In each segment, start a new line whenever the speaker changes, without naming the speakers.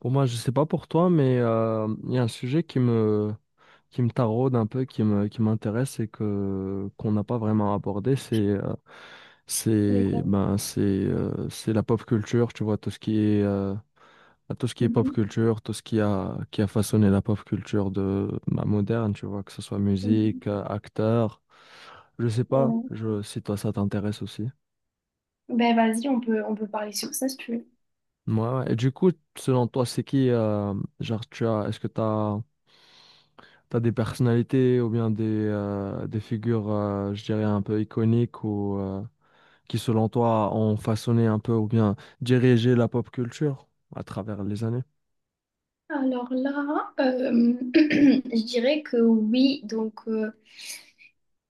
Pour moi, je sais pas pour toi, mais il y a un sujet qui me taraude un peu, qui m'intéresse et qu'on n'a pas vraiment abordé,
D'accord.
c'est la pop culture, tu vois, tout ce qui est pop
Mhm.
culture, tout ce qui a façonné la pop culture de, ben, moderne, tu vois, que ce soit musique,
Mhm.
acteur, je sais pas,
Ouais.
je, si toi ça t'intéresse aussi.
Ben vas-y, on peut parler sur ça si tu veux.
Ouais, ouais. Et du coup, selon toi, c'est qui, genre, tu as, est-ce que t'as T'as des personnalités ou bien des figures, je dirais, un peu iconiques ou qui, selon toi, ont façonné un peu ou bien dirigé la pop culture à travers les années?
Alors là, je dirais que oui, donc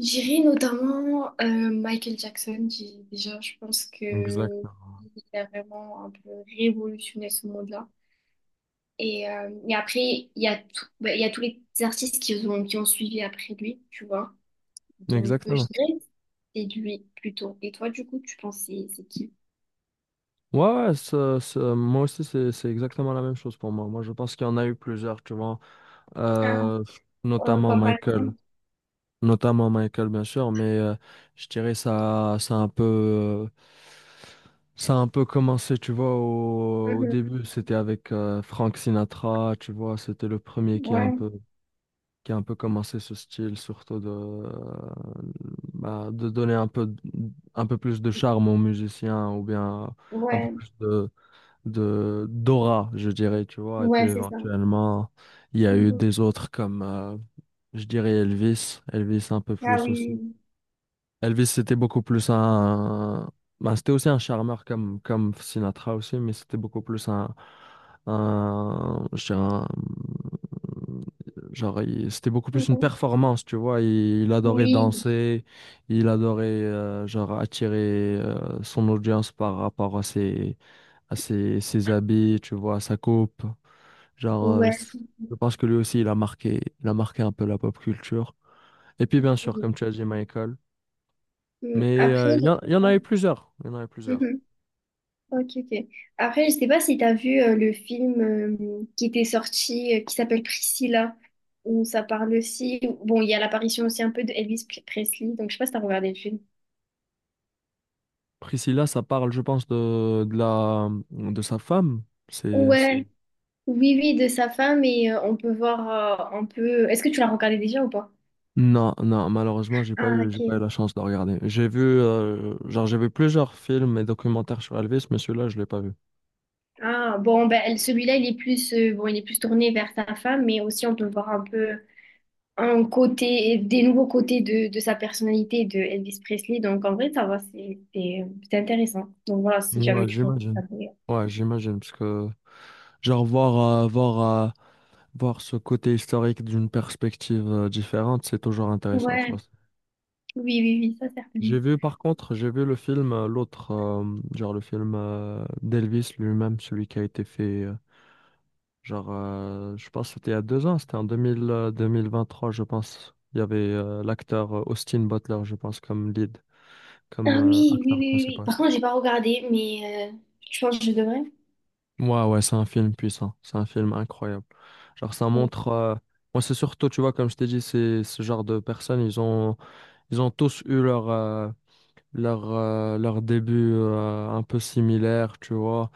j'irai notamment Michael Jackson. Déjà, je pense que
Exactement.
il a vraiment un peu révolutionné ce monde-là. Et après, il y a il y a tous les artistes qui ont suivi après lui, tu vois. Donc, je
Exactement.
dirais que c'est lui plutôt. Et toi, du coup, tu penses c'est qui?
Ouais, ouais, moi aussi, c'est exactement la même chose pour moi. Moi, je pense qu'il y en a eu plusieurs, tu vois,
Ah,
euh, notamment
comme par
Michael.
exemple.
Notamment Michael, bien sûr, mais je dirais ça a un peu, ça a un peu commencé, tu vois, au
Mhm.
début, c'était avec Frank Sinatra, tu vois, c'était le premier qui a un
Ouais,
peu, qui a un peu commencé ce style, surtout de donner un peu, un peu plus de charme aux musiciens ou bien un peu
ouais,
plus de d'aura, je dirais, tu vois. Et puis
ouais, c'est ça.
éventuellement, il y a eu
Mhm.
des autres comme, je dirais Elvis, Elvis un peu
Ah
plus
oui,
aussi.
oui,
Elvis, c'était beaucoup plus un... bah, c'était aussi un charmeur comme, comme Sinatra aussi, mais c'était beaucoup plus un... Je dirais Genre, c'était beaucoup
oui,
plus une
Mhm.
performance, tu vois. Il adorait
Oui,
danser, il adorait, genre, attirer son audience par rapport à ses, ses habits, tu vois, à sa coupe. Genre,
ouais.
je pense que lui aussi, il a marqué un peu la pop culture. Et puis, bien sûr, comme tu as dit, Michael.
Mm.
Mais
Après,
il y en
je... Ouais.
a eu plusieurs. Il y en a eu plusieurs.
Mhm. Ok, ok. Après, je sais pas si tu as vu le film qui était sorti, qui s'appelle Priscilla, où ça parle aussi. Bon, il y a l'apparition aussi un peu de Presley, donc je sais pas si t'as regardé le film.
Priscilla, ça parle, je pense, de sa femme. C'est, c'est-
Ouais, oui, oui, de sa femme, et on peut voir un peu. Est-ce que tu l'as regardé déjà ou pas?
Non, non, malheureusement,
Ah,
j'ai pas eu
ok.
la chance de regarder. J'ai vu, j'ai vu plusieurs films et documentaires sur Elvis, mais celui-là, je l'ai pas vu.
Ah, bon, ben, celui-là, il est plus, bon, il est plus tourné vers sa femme, mais aussi on peut voir un peu un côté, des nouveaux côtés de sa personnalité de Elvis Presley. Donc, en vrai, ça va, c'est intéressant. Donc, voilà, si jamais
Ouais,
tu veux
j'imagine.
regarder.
Ouais, j'imagine, parce que, genre, euh, Voir ce côté historique d'une perspective différente, c'est toujours intéressant, tu
Ouais,
vois.
oui, oui, oui, ça, certainement.
J'ai vu, par contre, j'ai vu le film, genre le film d'Elvis lui-même, celui qui a été fait, je pense que c'était il y a 2 ans, c'était en 2000, 2023, je pense. Il y avait l'acteur Austin Butler, je pense, comme lead, comme
Ah oui, oui, oui,
acteur
oui. Oui.
principal.
Par contre, j'ai pas regardé, mais je pense que je devrais.
Ouais, ouais, c'est un film puissant, c'est un film incroyable. Genre, ça
Ouais,
montre. Moi, c'est surtout, tu vois, comme je t'ai dit, c'est ce genre de personnes, ils ont tous eu leur, leur début un peu similaire, tu vois,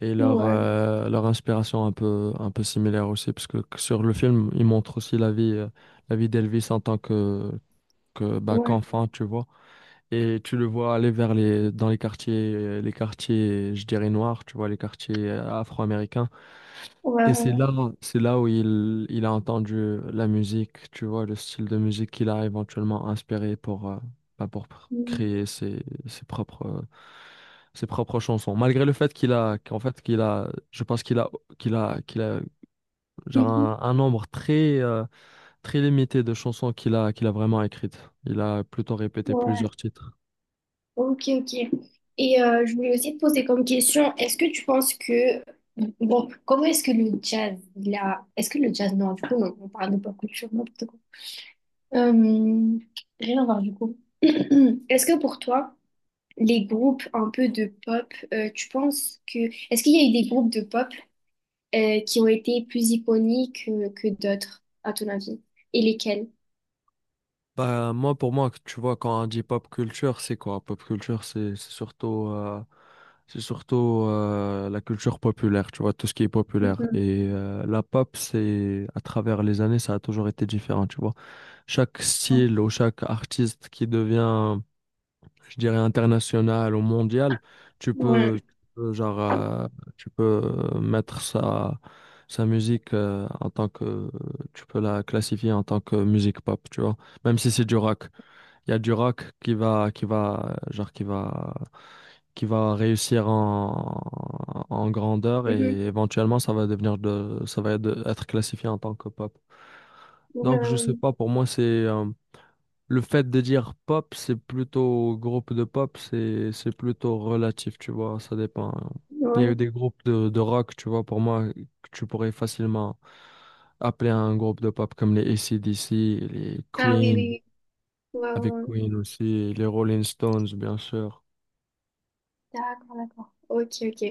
et leur,
ouais,
leur inspiration un peu similaire aussi, parce que sur le film, ils montrent aussi la vie d'Elvis en tant que, bah,
ouais,
qu'enfant, tu vois. Et tu le vois aller vers dans les quartiers, je dirais noirs, tu vois, les quartiers afro-américains.
ouais.
Et
Ouais.
c'est là où il a entendu la musique, tu vois, le style de musique qu'il a éventuellement inspiré pour, pour
Mm.
créer ses, ses propres chansons. Malgré le fait qu'il a, je pense qu'il a, genre
Mhm.
un nombre très, très limité de chansons qu'il a vraiment écrites. Il a plutôt répété
Ouais.
plusieurs titres.
Ok, ok. Et je voulais aussi te poser comme question, est-ce que tu penses que, bon, comment est-ce que le jazz, il a, est-ce que le jazz, non, du coup, non, on parle de pop culture, n'importe quoi. Euh, rien à voir, du coup. Est-ce que pour toi, les groupes un peu de pop, tu penses que, est-ce qu'il y a eu des groupes de pop qui ont été plus iconiques que, d'autres, à ton avis? Et lesquels?
Bah, moi, pour moi, tu vois, quand on dit pop culture, c'est quoi? Pop culture, C'est surtout la culture populaire, tu vois, tout ce qui est populaire.
Mhm.
Et la pop, c'est à travers les années, ça a toujours été différent, tu vois. Chaque style ou chaque artiste qui devient, je dirais, international ou mondial,
Ouais.
genre, tu peux mettre sa, sa musique en tant que, tu peux la classifier en tant que musique pop, tu vois, même si c'est du rock. Il y a du rock genre qui va réussir en, en grandeur
Mhm.
et éventuellement ça va devenir de, ça va être, être classifié en tant que pop.
Ouais,
Donc je sais
ouais,
pas, pour moi c'est le fait de dire pop, c'est plutôt groupe de pop, c'est plutôt relatif, tu vois, ça dépend. Il y a
ouais.
eu des groupes de rock, tu vois, pour moi que tu pourrais facilement appeler un groupe de pop comme les AC/DC, les
Ah oui,
Queen,
oui, oui. Ouais, ouais,
avec
ouais.
Queen aussi, les Rolling Stones, bien sûr.
D'accord, d'accord. Ok, ok.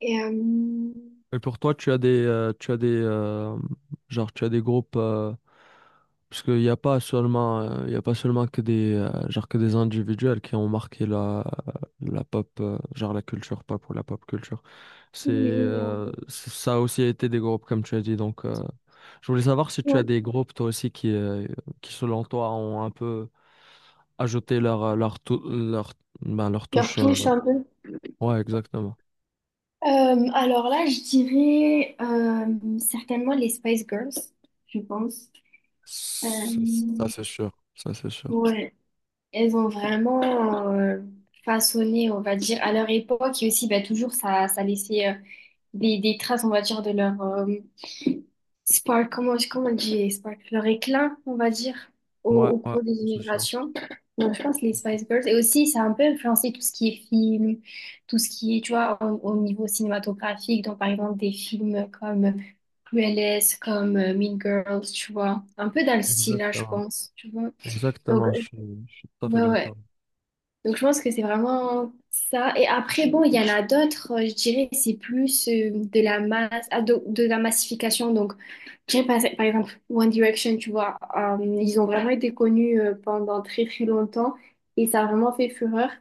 Et
Et pour toi, tu as des, genre, tu as des groupes, parce qu'il n'y a pas seulement, il y a pas seulement que des, que des individuels qui ont marqué la, euh, la pop, genre la culture pop ou la pop culture.
oui, mais on peut-
Ça a aussi été des groupes, comme tu as dit. Donc, je voulais savoir si tu as
ouais,
des groupes, toi aussi, qui selon toi, ont un peu ajouté leur, ben, leur
leur
touche. euh,
touche un peu.
Ouais, exactement.
Alors là, je dirais certainement les Spice Girls, je pense. Euh,
Ça, ça, c'est sûr. Ça, c'est sûr.
ouais, elles ont vraiment euh, façonné, on va dire, à leur époque et aussi bah, toujours ça, ça laissait des traces, on va dire, de leur spark, comment, comment on dit spark, leur éclat, on va dire, au,
Ouais,
au
ouais,
cours des
c'est sûr.
générations. Donc, je pense les Spice Girls. Et aussi, ça a un peu influencé tout ce qui est film, tout ce qui est, tu vois, au, au niveau cinématographique. Donc, par exemple, des films comme Cruelest, comme Mean Girls, tu vois. Un peu dans le style, là, je
Exactement.
pense, tu vois. Donc,
Exactement, je,
je-
suis je suis tout à fait
ouais, ouais.
d'accord.
Donc je pense que c'est vraiment ça. Et après, bon, il y en a d'autres, je dirais, c'est plus de la masse, ah, de la massification. Donc, je dirais par, par exemple One Direction, tu vois, ils ont vraiment été connus pendant très très longtemps et ça a vraiment fait fureur.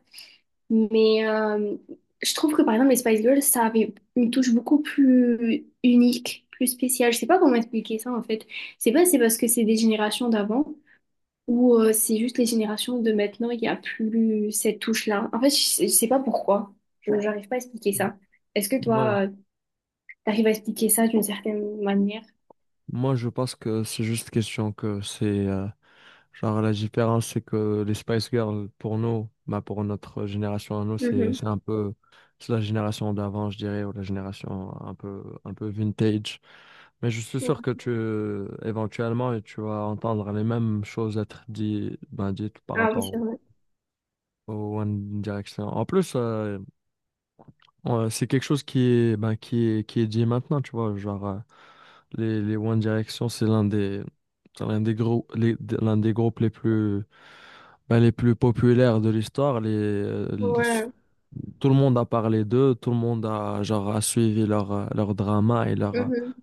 Mais je trouve que par exemple les Spice Girls, ça avait une touche beaucoup plus unique, plus spéciale. Je sais pas comment expliquer ça en fait. C'est pas si c'est parce que c'est des générations d'avant. Ou c'est juste les générations de maintenant, il n'y a plus cette touche-là. En fait, je sais pas pourquoi. Je n'arrive pas à expliquer ça. Est-ce que
Ouais.
toi, tu arrives à expliquer ça d'une certaine manière?
Moi, je pense que c'est juste question que genre, la différence, c'est que les Spice Girls, pour nous, bah, pour notre génération à nous,
Mhm.
c'est un peu... C'est la génération d'avant, je dirais, ou la génération un peu vintage. Mais je suis
Ouais.
sûr que tu, éventuellement, tu vas entendre les mêmes choses être dites, ben, dites par
Ah oui,
rapport
c'est vrai.
au One Direction. En plus, c'est quelque chose qui est, ben, qui est dit maintenant, tu vois. Genre, les One Direction, c'est l'un des gros, l'un des groupes les plus, ben, les plus populaires de l'histoire.
Ouais.
Tout le monde a parlé d'eux, tout le monde a, genre, a suivi leur, leur drama et leur,
Mhm.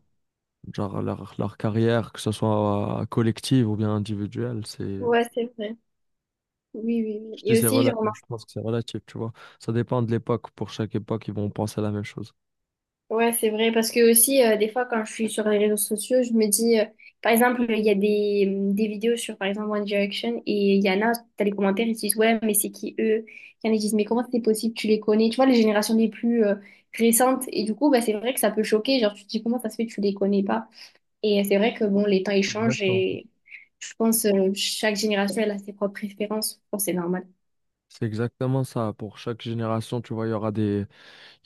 genre, leur carrière, que ce soit collective ou bien individuelle. C'est
Ouais, c'est vrai. Oui, oui, oui.
Je dis
Et
c'est
aussi,
relatif,
genre,
je pense que c'est relatif, tu vois. Ça dépend de l'époque. Pour chaque époque, ils vont penser la même chose.
ouais, c'est vrai, parce que aussi, des fois, quand je suis sur les réseaux sociaux, je me dis, par exemple, il y a des, des vidéos sur, par exemple, One Direction, et il y en a, t'as les commentaires, ils disent, ouais, mais c'est qui eux? Il y en a qui disent, mais comment c'est possible, tu les connais? Tu vois, les générations les plus récentes, et du coup, bah, c'est vrai que ça peut choquer, genre, tu te dis, comment ça se fait, que tu les connais pas? Et c'est vrai que, bon, les temps, ils
C'est
changent,
exactement ça.
et je pense, chaque génération, elle a ses propres préférences, je pense que c'est normal.
C'est exactement ça. Pour chaque génération, tu vois,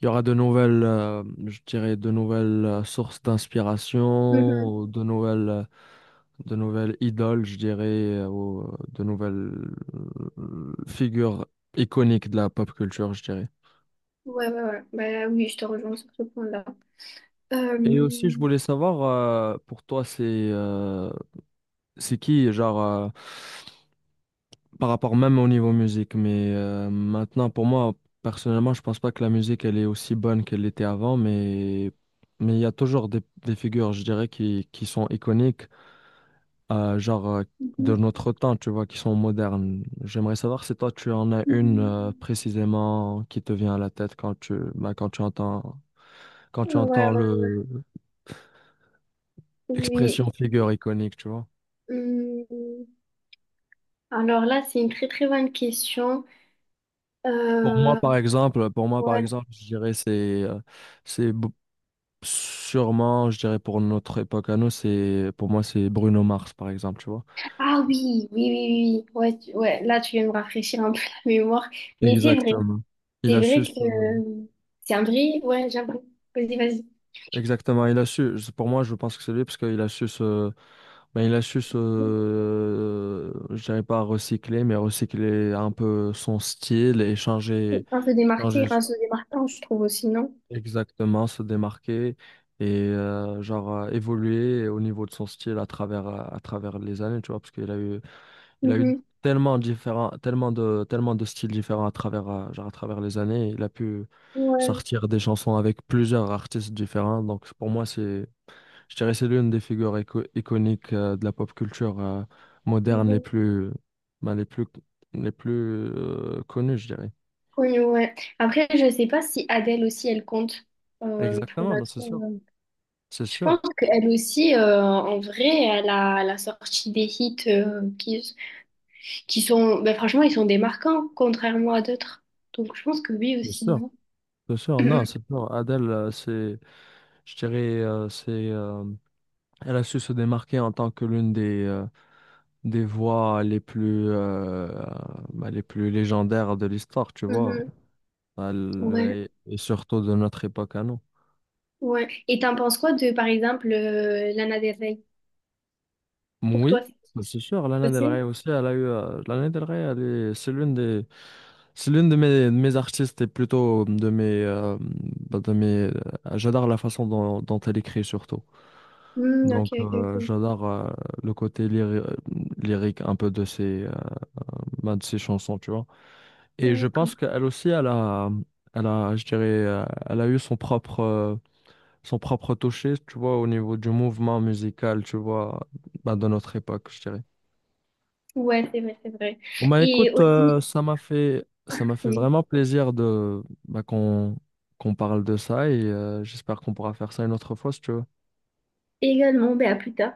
il y aura de nouvelles, je dirais, de nouvelles sources
Mhm.
d'inspiration, ou de nouvelles idoles, je dirais, ou de nouvelles figures iconiques de la pop culture, je dirais.
Ouais, ouais, ouais. Bah oui, je te rejoins sur ce point-là. Euh,
Et aussi, je voulais savoir, pour toi, c'est qui, genre, par rapport même au niveau musique. Mais maintenant, pour moi, personnellement, je pense pas que la musique, elle est aussi bonne qu'elle l'était avant, mais il y a toujours des figures, je dirais, qui sont iconiques, euh, genre euh, de notre temps, tu vois, qui sont modernes. J'aimerais savoir si toi, tu en as une
mhm.
précisément qui te vient à la tête quand tu, bah, quand tu
Ouais,
entends
ouais, oui.
l'expression figure iconique, tu vois.
Hum, alors là, c'est une très très bonne question.
Pour moi,
Euh,
par exemple, pour moi, par
ouais.
exemple, je dirais euh, c'est Bo- Sûrement, je dirais pour notre époque à nous, c'est pour moi c'est Bruno Mars par exemple, tu vois.
Ah oui, oui, oui, oui. Ouais, tu- ouais, là, tu viens de me rafraîchir un peu la mémoire. Mais
Exactement. Il
c'est
a su
vrai que
se-
euh, c'est un vrai. Ouais, j'avoue. Vas-y, vas-y.
Exactement, il a su je- pour moi je pense que c'est lui parce qu'il a su se, il a su se je dirais pas recycler mais recycler un peu son style et changer
Un se démarquer,
changer
un se démarquant, je trouve aussi, non?
exactement se démarquer et évoluer au niveau de son style à travers les années, tu vois parce qu'il a eu. Il a eu
Mhm.
tellement différents, tellement de styles différents à travers, à travers les années. Il a pu
Ouais.
sortir des chansons avec plusieurs artistes différents. Donc pour moi, je dirais, c'est l'une des figures iconiques de la pop culture moderne les
Mhm.
plus, ben, les plus connues, je dirais.
Oui, ouais. Après, je sais pas si Adèle aussi, elle compte pour
Exactement, ben,
notre.
c'est
Je pense
sûr,
qu'elle aussi, en vrai, elle a, elle a sorti des hits qui sont, ben franchement, ils sont démarquants, contrairement à d'autres. Donc je pense que oui
c'est
aussi,
sûr,
non?
c'est sûr. Non, c'est sûr. Adele, je dirais, elle a su se démarquer en tant que l'une des voix les plus, les plus légendaires de l'histoire, tu vois,
Mhm.
À
Ouais,
et surtout de notre époque à nous.
ouais. Et t'en penses quoi de, par exemple, Lana Del Rey? Pour toi,
Oui,
c'est
ça, c'est sûr, Lana Del
possible?
Rey aussi, elle a eu, Lana Del Rey, c'est l'une des, c'est l'une de mes artistes et plutôt de mes, de mes, j'adore la façon dont elle écrit surtout.
Hmm, ok,
Donc,
ok, ok.
j'adore le côté lyrique un peu de ses, de ses chansons, tu vois. Et je
D'accord.
pense qu'elle aussi, elle a, je dirais, elle a eu son propre toucher, tu vois, au niveau du mouvement musical, tu vois, bah, de notre époque, je dirais.
Ouais, c'est vrai, c'est vrai.
Bon, bah,
Et
écoute,
aussi,
ça m'a fait
oui,
vraiment plaisir de, bah, qu'on parle de ça et j'espère qu'on pourra faire ça une autre fois si tu veux.
également, ben à plus tard.